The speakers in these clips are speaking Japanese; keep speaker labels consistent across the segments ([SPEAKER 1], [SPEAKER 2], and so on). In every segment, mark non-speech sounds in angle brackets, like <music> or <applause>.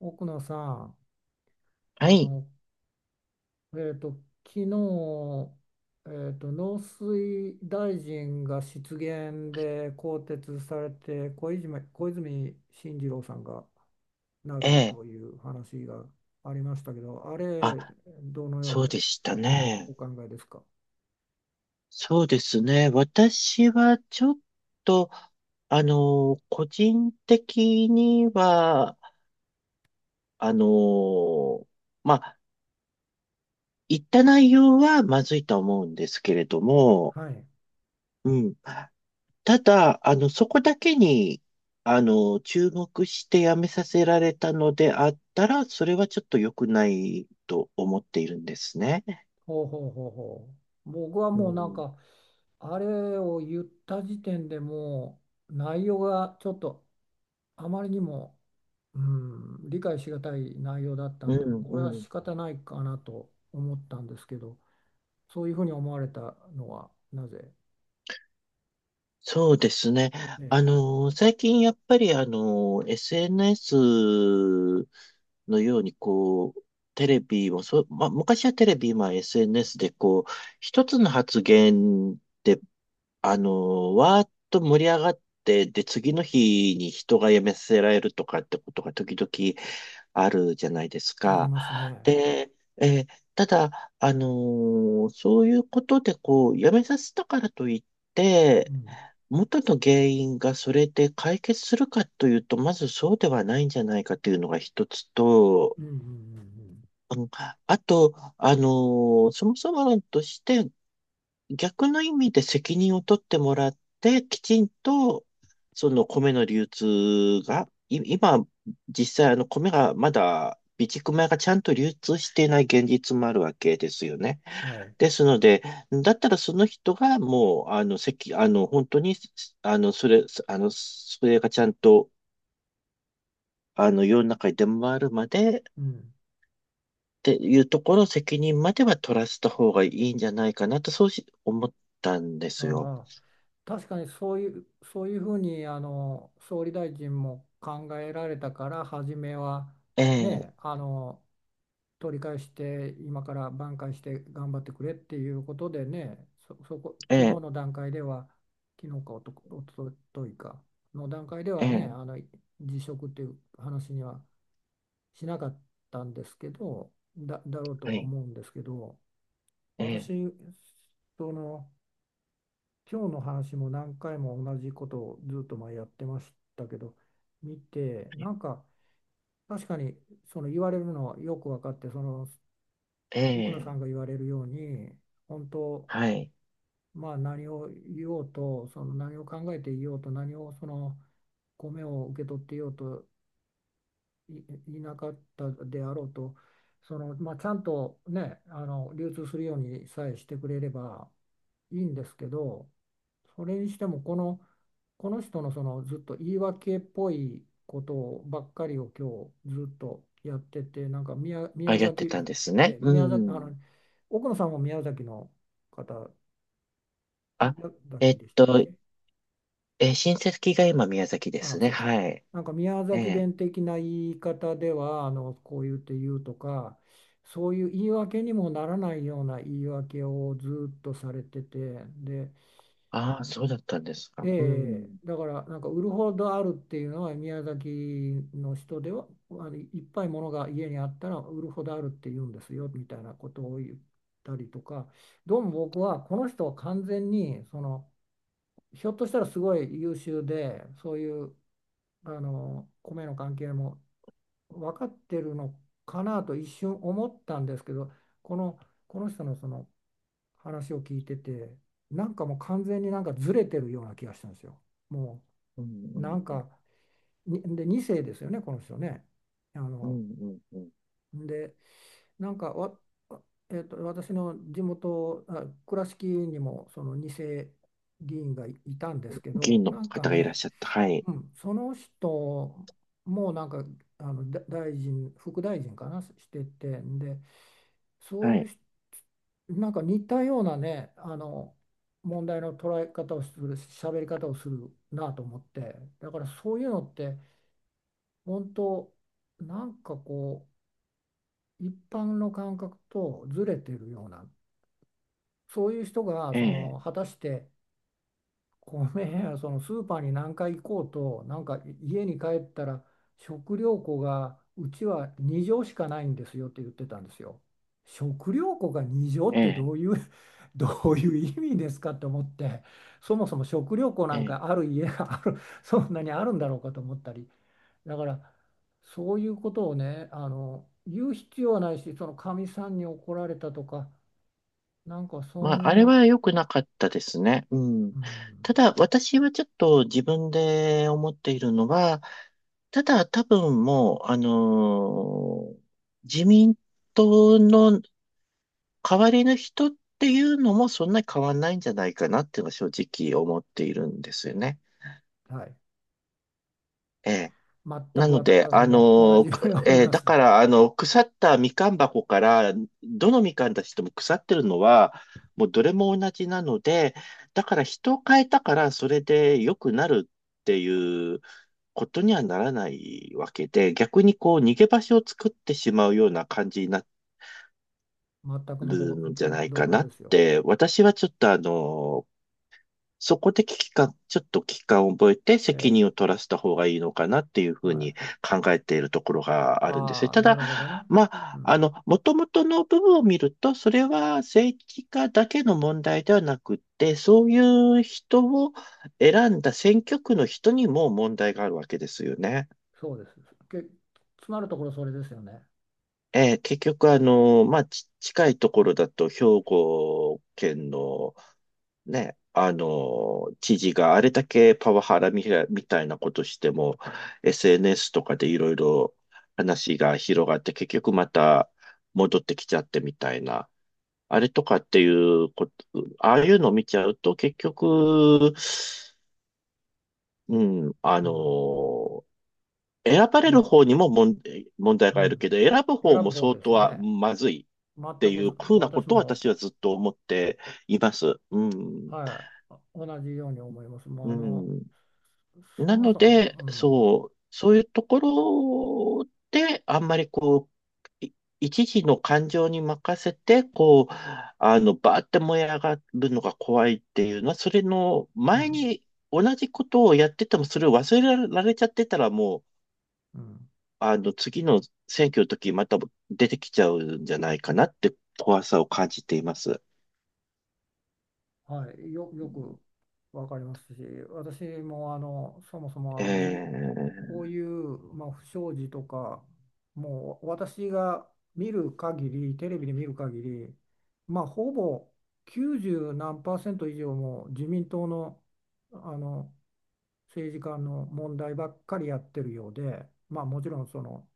[SPEAKER 1] 奥野さん、
[SPEAKER 2] は
[SPEAKER 1] あ
[SPEAKER 2] い、
[SPEAKER 1] の、えっと、昨日、農水大臣が失言で更迭されて、小泉進次郎さんがな
[SPEAKER 2] え
[SPEAKER 1] る
[SPEAKER 2] え。
[SPEAKER 1] という話がありましたけど、あ
[SPEAKER 2] あ、
[SPEAKER 1] れ、どのよう
[SPEAKER 2] そう
[SPEAKER 1] に
[SPEAKER 2] でしたね。
[SPEAKER 1] お考えですか？
[SPEAKER 2] そうですね。私はちょっと、個人的には、あの、まあ、言った内容はまずいと思うんですけれども、
[SPEAKER 1] はい。
[SPEAKER 2] うん。ただ、そこだけに、注目してやめさせられたのであったら、それはちょっと良くないと思っているんですね。
[SPEAKER 1] ほうほうほうほう。僕は
[SPEAKER 2] う
[SPEAKER 1] もうなん
[SPEAKER 2] ん、
[SPEAKER 1] か、あれを言った時点でもう内容がちょっとあまりにもうん、理解しがたい内容だった
[SPEAKER 2] う
[SPEAKER 1] んで、これは
[SPEAKER 2] ん、
[SPEAKER 1] 仕方ないかなと思ったんですけど、そういうふうに思われたのはなぜ？
[SPEAKER 2] そうですね。
[SPEAKER 1] ええ、
[SPEAKER 2] 最近やっぱりSNS のようにこう、テレビもそう、まあ、昔はテレビ、今 SNS でこう、一つの発言で、わーっと盛り上がって、で、次の日に人が辞めさせられるとかってことが時々あるじゃないです
[SPEAKER 1] あり
[SPEAKER 2] か。
[SPEAKER 1] ますね。
[SPEAKER 2] で、えーただ、そういうことで、こう、やめさせたからといっ
[SPEAKER 1] う
[SPEAKER 2] て、
[SPEAKER 1] ん、
[SPEAKER 2] 元の原因がそれで解決するかというと、まずそうではないんじゃないかというのが一つと、
[SPEAKER 1] うん、うん、うん
[SPEAKER 2] うん、あと、あのそもそも論として逆の意味で責任を取ってもらって、きちんと、その米の流通が、今、実際米がまだ、備蓄米がちゃんと流通していない現実もあるわけですよね。
[SPEAKER 1] うん、はい、
[SPEAKER 2] ですので、だったらその人がもう、あの、責、あの、本当に、それがちゃんと、世の中に出回るまで、っ
[SPEAKER 1] うん、
[SPEAKER 2] ていうところ、責任までは取らせた方がいいんじゃないかなと、そう思ったんで
[SPEAKER 1] あ
[SPEAKER 2] すよ。
[SPEAKER 1] あ。確かにそういうふうに総理大臣も考えられたから、初めは
[SPEAKER 2] え
[SPEAKER 1] ね、
[SPEAKER 2] え、
[SPEAKER 1] 取り返して今から挽回して頑張ってくれっていうことでね、そこ
[SPEAKER 2] え
[SPEAKER 1] 昨日
[SPEAKER 2] え、
[SPEAKER 1] の段階では、昨日かおとといかの段階で
[SPEAKER 2] え
[SPEAKER 1] はね、
[SPEAKER 2] え、
[SPEAKER 1] 辞職っていう話にはしなかったんですけど、だろうと
[SPEAKER 2] は
[SPEAKER 1] は
[SPEAKER 2] い、
[SPEAKER 1] 思うんですけど、
[SPEAKER 2] ええ、
[SPEAKER 1] 私、その今日の話も何回も同じことをずっと前やってましたけど、見てなんか、確かに言われるのはよく分かって、
[SPEAKER 2] え
[SPEAKER 1] 奥野さ
[SPEAKER 2] え、
[SPEAKER 1] んが言われるように、本当、
[SPEAKER 2] はい。
[SPEAKER 1] まあ何を言おうと、何を考えていようと、何を米を受け取っていようと、い、いなかったであろうと、まあ、ちゃんとね、流通するようにさえしてくれればいいんですけど、それにしてもこの人の、ずっと言い訳っぽいことばっかりを今日ずっとやってて、なんか
[SPEAKER 2] あ、
[SPEAKER 1] 宮
[SPEAKER 2] やって
[SPEAKER 1] 崎、
[SPEAKER 2] たんですね。う
[SPEAKER 1] 宮崎、
[SPEAKER 2] ん。
[SPEAKER 1] 奥野さんも宮崎の方、
[SPEAKER 2] あ、
[SPEAKER 1] 宮
[SPEAKER 2] え
[SPEAKER 1] 崎
[SPEAKER 2] っ
[SPEAKER 1] でしたっけ？
[SPEAKER 2] と、親戚が今宮崎で
[SPEAKER 1] あ
[SPEAKER 2] す
[SPEAKER 1] あ
[SPEAKER 2] ね。
[SPEAKER 1] そうです。
[SPEAKER 2] はい。
[SPEAKER 1] なんか宮
[SPEAKER 2] え
[SPEAKER 1] 崎
[SPEAKER 2] え。
[SPEAKER 1] 弁的な言い方では、こう言って言うとか、そういう言い訳にもならないような言い訳をずっとされててで、
[SPEAKER 2] ああ、そうだったんですか。
[SPEAKER 1] え
[SPEAKER 2] う
[SPEAKER 1] え、
[SPEAKER 2] ん。
[SPEAKER 1] だからなんか、売るほどあるっていうのは、宮崎の人ではいっぱいものが家にあったら売るほどあるって言うんですよみたいなことを言ったりとか、どうも僕はこの人は完全に、ひょっとしたらすごい優秀で、そういう米の関係も分かってるのかなと一瞬思ったんですけど、この、この人の、話を聞いてて、なんかもう完全になんかずれてるような気がしたんですよ。も
[SPEAKER 2] う
[SPEAKER 1] うな
[SPEAKER 2] ん、
[SPEAKER 1] ん
[SPEAKER 2] うん、
[SPEAKER 1] か、2世ですよね、この人ね。あ
[SPEAKER 2] うん、
[SPEAKER 1] の、
[SPEAKER 2] うん、うん。
[SPEAKER 1] で、なんかわ、えっと、私の地元、倉敷にもその2世議員がいたんですけ
[SPEAKER 2] 議
[SPEAKER 1] ど、
[SPEAKER 2] 員の
[SPEAKER 1] なんか
[SPEAKER 2] 方がいらっ
[SPEAKER 1] ね、
[SPEAKER 2] しゃった。はい。
[SPEAKER 1] うん、その人もなんか、大臣、副大臣かな、してて、んで、そう
[SPEAKER 2] は
[SPEAKER 1] いう
[SPEAKER 2] い。
[SPEAKER 1] 人、なんか似たようなね、問題の捉え方をする、喋り方をするなと思って、だからそういうのって、本当、なんかこう一般の感覚とずれてるような、そういう人が、
[SPEAKER 2] ええ、
[SPEAKER 1] 果たして米や、スーパーに何回行こうと、なんか家に帰ったら、食料庫がうちは2畳しかないんですよって言ってたんですよ。食料庫が2
[SPEAKER 2] え
[SPEAKER 1] 畳って
[SPEAKER 2] え、
[SPEAKER 1] どういう <laughs> どういう意味ですかって思って、そもそも食料庫な
[SPEAKER 2] え
[SPEAKER 1] んか
[SPEAKER 2] え。
[SPEAKER 1] ある家がある、そんなにあるんだろうかと思ったり。だからそういうことをね、言う必要はないし、そのかみさんに怒られたとか、なんかそ
[SPEAKER 2] まあ、
[SPEAKER 1] ん
[SPEAKER 2] あれ
[SPEAKER 1] な、
[SPEAKER 2] は良くなかったですね。うん。
[SPEAKER 1] う
[SPEAKER 2] た
[SPEAKER 1] ん、
[SPEAKER 2] だ、私はちょっと自分で思っているのは、ただ多分もう、自民党の代わりの人っていうのもそんなに変わんないんじゃないかなっていうのは正直思っているんですよね。
[SPEAKER 1] はい。
[SPEAKER 2] ええ。
[SPEAKER 1] 全
[SPEAKER 2] な
[SPEAKER 1] く
[SPEAKER 2] ので、
[SPEAKER 1] 私
[SPEAKER 2] あ
[SPEAKER 1] も同
[SPEAKER 2] の、
[SPEAKER 1] じよう
[SPEAKER 2] く
[SPEAKER 1] に思い
[SPEAKER 2] えー
[SPEAKER 1] ま
[SPEAKER 2] だ
[SPEAKER 1] す。
[SPEAKER 2] から、腐ったみかん箱から、どのみかんたちとも腐ってるのは、もうどれも同じなので、だから人を変えたから、それで良くなるっていうことにはならないわけで、逆にこう、逃げ場所を作ってしまうような感じにな
[SPEAKER 1] 全くの
[SPEAKER 2] るんじゃない
[SPEAKER 1] 同
[SPEAKER 2] か
[SPEAKER 1] 感
[SPEAKER 2] な
[SPEAKER 1] で
[SPEAKER 2] っ
[SPEAKER 1] すよ。
[SPEAKER 2] て、私はちょっとそこで危機感、ちょっと危機感を覚えて責
[SPEAKER 1] え
[SPEAKER 2] 任を
[SPEAKER 1] え、
[SPEAKER 2] 取らせた方がいいのかなっていうふう
[SPEAKER 1] はい、
[SPEAKER 2] に考えているところがあるんですね。
[SPEAKER 1] ああ、
[SPEAKER 2] た
[SPEAKER 1] な
[SPEAKER 2] だ、
[SPEAKER 1] るほどね、
[SPEAKER 2] ま
[SPEAKER 1] う
[SPEAKER 2] あ、
[SPEAKER 1] ん、
[SPEAKER 2] もともとの部分を見ると、それは政治家だけの問題ではなくって、そういう人を選んだ選挙区の人にも問題があるわけですよね。
[SPEAKER 1] そうです。けつまるところそれですよね。
[SPEAKER 2] 結局、近いところだと、兵庫県のね、知事があれだけパワハラみたみたいなことしても、SNS とかでいろいろ話が広がって、結局また戻ってきちゃってみたいな、あれとかっていうこと、ああいうのを見ちゃうと、結局、うん、
[SPEAKER 1] うん、
[SPEAKER 2] 選ば
[SPEAKER 1] い
[SPEAKER 2] れる
[SPEAKER 1] や、
[SPEAKER 2] 方にも問題
[SPEAKER 1] う
[SPEAKER 2] がある
[SPEAKER 1] ん、
[SPEAKER 2] けど、選ぶ
[SPEAKER 1] 選
[SPEAKER 2] 方
[SPEAKER 1] ぶ
[SPEAKER 2] も
[SPEAKER 1] 方
[SPEAKER 2] 相
[SPEAKER 1] で
[SPEAKER 2] 当
[SPEAKER 1] すよ
[SPEAKER 2] は
[SPEAKER 1] ね。
[SPEAKER 2] まずい
[SPEAKER 1] 全
[SPEAKER 2] って
[SPEAKER 1] く
[SPEAKER 2] いう風なこ
[SPEAKER 1] 私
[SPEAKER 2] とを
[SPEAKER 1] も、
[SPEAKER 2] 私はずっと思っています。うん、
[SPEAKER 1] はい、同じように思います。もう
[SPEAKER 2] うん。
[SPEAKER 1] そ
[SPEAKER 2] な
[SPEAKER 1] も
[SPEAKER 2] の
[SPEAKER 1] そも、
[SPEAKER 2] で、
[SPEAKER 1] うん、
[SPEAKER 2] そう、そういうところで、あんまりう、い一時の感情に任せて、こう、バーって燃え上がるのが怖いっていうのは、それの
[SPEAKER 1] う
[SPEAKER 2] 前
[SPEAKER 1] ん、
[SPEAKER 2] に同じことをやってても、それを忘れられちゃってたら、もう、
[SPEAKER 1] うん、
[SPEAKER 2] 次の選挙の時、また出てきちゃうんじゃないかなって怖さを感じています。
[SPEAKER 1] はい、よくわかりますし、私もそもそも
[SPEAKER 2] え
[SPEAKER 1] こういう、まあ、不祥事とか、もう私が見る限り、テレビで見る限り、まあ、ほぼ90何パーセント以上も自民党の、あの政治家の問題ばっかりやってるようで、まあ、もちろんその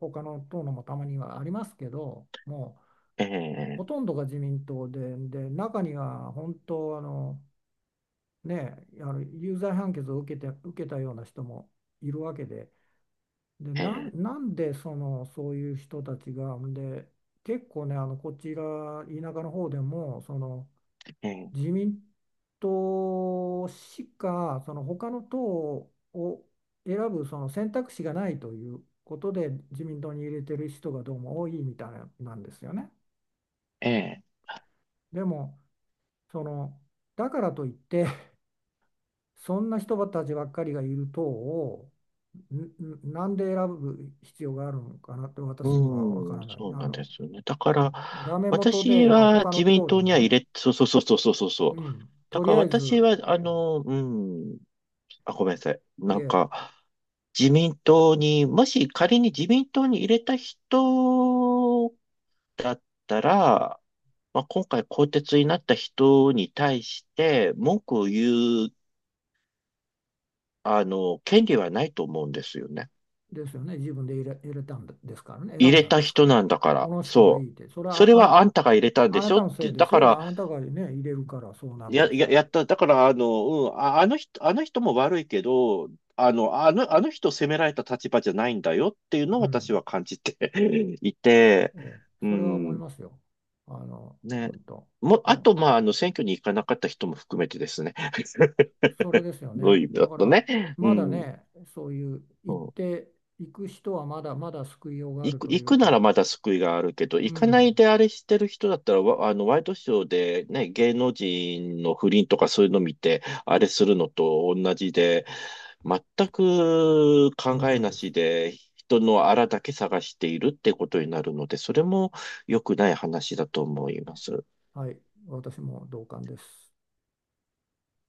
[SPEAKER 1] 他の党のもたまにはありますけど、もう
[SPEAKER 2] ー、え、ー、
[SPEAKER 1] ほ
[SPEAKER 2] え
[SPEAKER 1] とんどが自民党で、で中には本当ね、有罪判決を受けて、受けたような人もいるわけで、で
[SPEAKER 2] ー、え、
[SPEAKER 1] なんで、そういう人たちが、で結構ね、こちら田舎の方でも、
[SPEAKER 2] ー、
[SPEAKER 1] 自民党しか、その他の党を選ぶ選択肢がないということで、自民党に入れてる人がどうも多いみたいなんですよね。
[SPEAKER 2] えー
[SPEAKER 1] でもそのだからといって、そんな人たちばっかりがいる党を、んなんで選ぶ必要があるのかなって、私には分か
[SPEAKER 2] うん、
[SPEAKER 1] らない。
[SPEAKER 2] そうなんですよね。だか
[SPEAKER 1] ダ
[SPEAKER 2] ら、
[SPEAKER 1] メ元
[SPEAKER 2] 私
[SPEAKER 1] で、まあ、
[SPEAKER 2] は
[SPEAKER 1] 他の
[SPEAKER 2] 自民
[SPEAKER 1] 党で
[SPEAKER 2] 党に
[SPEAKER 1] も
[SPEAKER 2] は入
[SPEAKER 1] ね、
[SPEAKER 2] れ、そうそうそうそうそうそうそ
[SPEAKER 1] う
[SPEAKER 2] う。
[SPEAKER 1] ん、
[SPEAKER 2] だ
[SPEAKER 1] と
[SPEAKER 2] か
[SPEAKER 1] り
[SPEAKER 2] ら
[SPEAKER 1] あえ
[SPEAKER 2] 私
[SPEAKER 1] ず、
[SPEAKER 2] は、うん、あ、ごめんなさい。
[SPEAKER 1] い
[SPEAKER 2] なん
[SPEAKER 1] え。
[SPEAKER 2] か、自民党に、もし仮に自民党に入れた人だったら、まあ、今回更迭になった人に対して文句を言う、あの、権利はないと思うんですよね。
[SPEAKER 1] ですよね。自分で入れたんですからね。
[SPEAKER 2] 入
[SPEAKER 1] 選ん
[SPEAKER 2] れ
[SPEAKER 1] だん
[SPEAKER 2] た
[SPEAKER 1] ですか
[SPEAKER 2] 人
[SPEAKER 1] ら。
[SPEAKER 2] なんだか
[SPEAKER 1] こ
[SPEAKER 2] ら、
[SPEAKER 1] の人がい
[SPEAKER 2] そ
[SPEAKER 1] い
[SPEAKER 2] う。
[SPEAKER 1] って。それ
[SPEAKER 2] そ
[SPEAKER 1] は
[SPEAKER 2] れはあんたが入れたんで
[SPEAKER 1] あ
[SPEAKER 2] し
[SPEAKER 1] な
[SPEAKER 2] ょ
[SPEAKER 1] た
[SPEAKER 2] っ
[SPEAKER 1] のせい
[SPEAKER 2] て、
[SPEAKER 1] で
[SPEAKER 2] だ
[SPEAKER 1] す
[SPEAKER 2] か
[SPEAKER 1] よ。あ
[SPEAKER 2] ら、
[SPEAKER 1] なたがね、入れるからそうなるんですよ。
[SPEAKER 2] やった。だから、あの、うん、あ、あの人、あの人も悪いけど、あの人を責められた立場じゃないんだよっていう
[SPEAKER 1] う
[SPEAKER 2] のを
[SPEAKER 1] ん。
[SPEAKER 2] 私は感じて <laughs> いて、
[SPEAKER 1] ええ、
[SPEAKER 2] う
[SPEAKER 1] それは思い
[SPEAKER 2] ん、
[SPEAKER 1] ますよ。
[SPEAKER 2] ね。
[SPEAKER 1] 本当。
[SPEAKER 2] もあ
[SPEAKER 1] も
[SPEAKER 2] と、まあ、選挙に行かなかった人も含めてですね。
[SPEAKER 1] う、それで
[SPEAKER 2] <laughs>
[SPEAKER 1] すよ
[SPEAKER 2] どう
[SPEAKER 1] ね。
[SPEAKER 2] いう意味
[SPEAKER 1] だ
[SPEAKER 2] だ
[SPEAKER 1] か
[SPEAKER 2] と
[SPEAKER 1] ら、
[SPEAKER 2] ね。う
[SPEAKER 1] まだ
[SPEAKER 2] ん。
[SPEAKER 1] ね、そういう
[SPEAKER 2] う
[SPEAKER 1] 行っ
[SPEAKER 2] ん、
[SPEAKER 1] ていく人はまだまだ救いようがあると
[SPEAKER 2] 行
[SPEAKER 1] いう
[SPEAKER 2] くな
[SPEAKER 1] か、
[SPEAKER 2] らまだ救いがあるけど、
[SPEAKER 1] う
[SPEAKER 2] 行かな
[SPEAKER 1] ん、
[SPEAKER 2] いであれしてる人だったら、わあの、ワイドショーでね、芸能人の不倫とかそういうの見て、あれするのと同じで、全く
[SPEAKER 1] あ
[SPEAKER 2] 考
[SPEAKER 1] の
[SPEAKER 2] え
[SPEAKER 1] 通り
[SPEAKER 2] な
[SPEAKER 1] です。
[SPEAKER 2] しで、人のあらだけ探しているってことになるので、それも良くない話だと思います。
[SPEAKER 1] はい、私も同感です。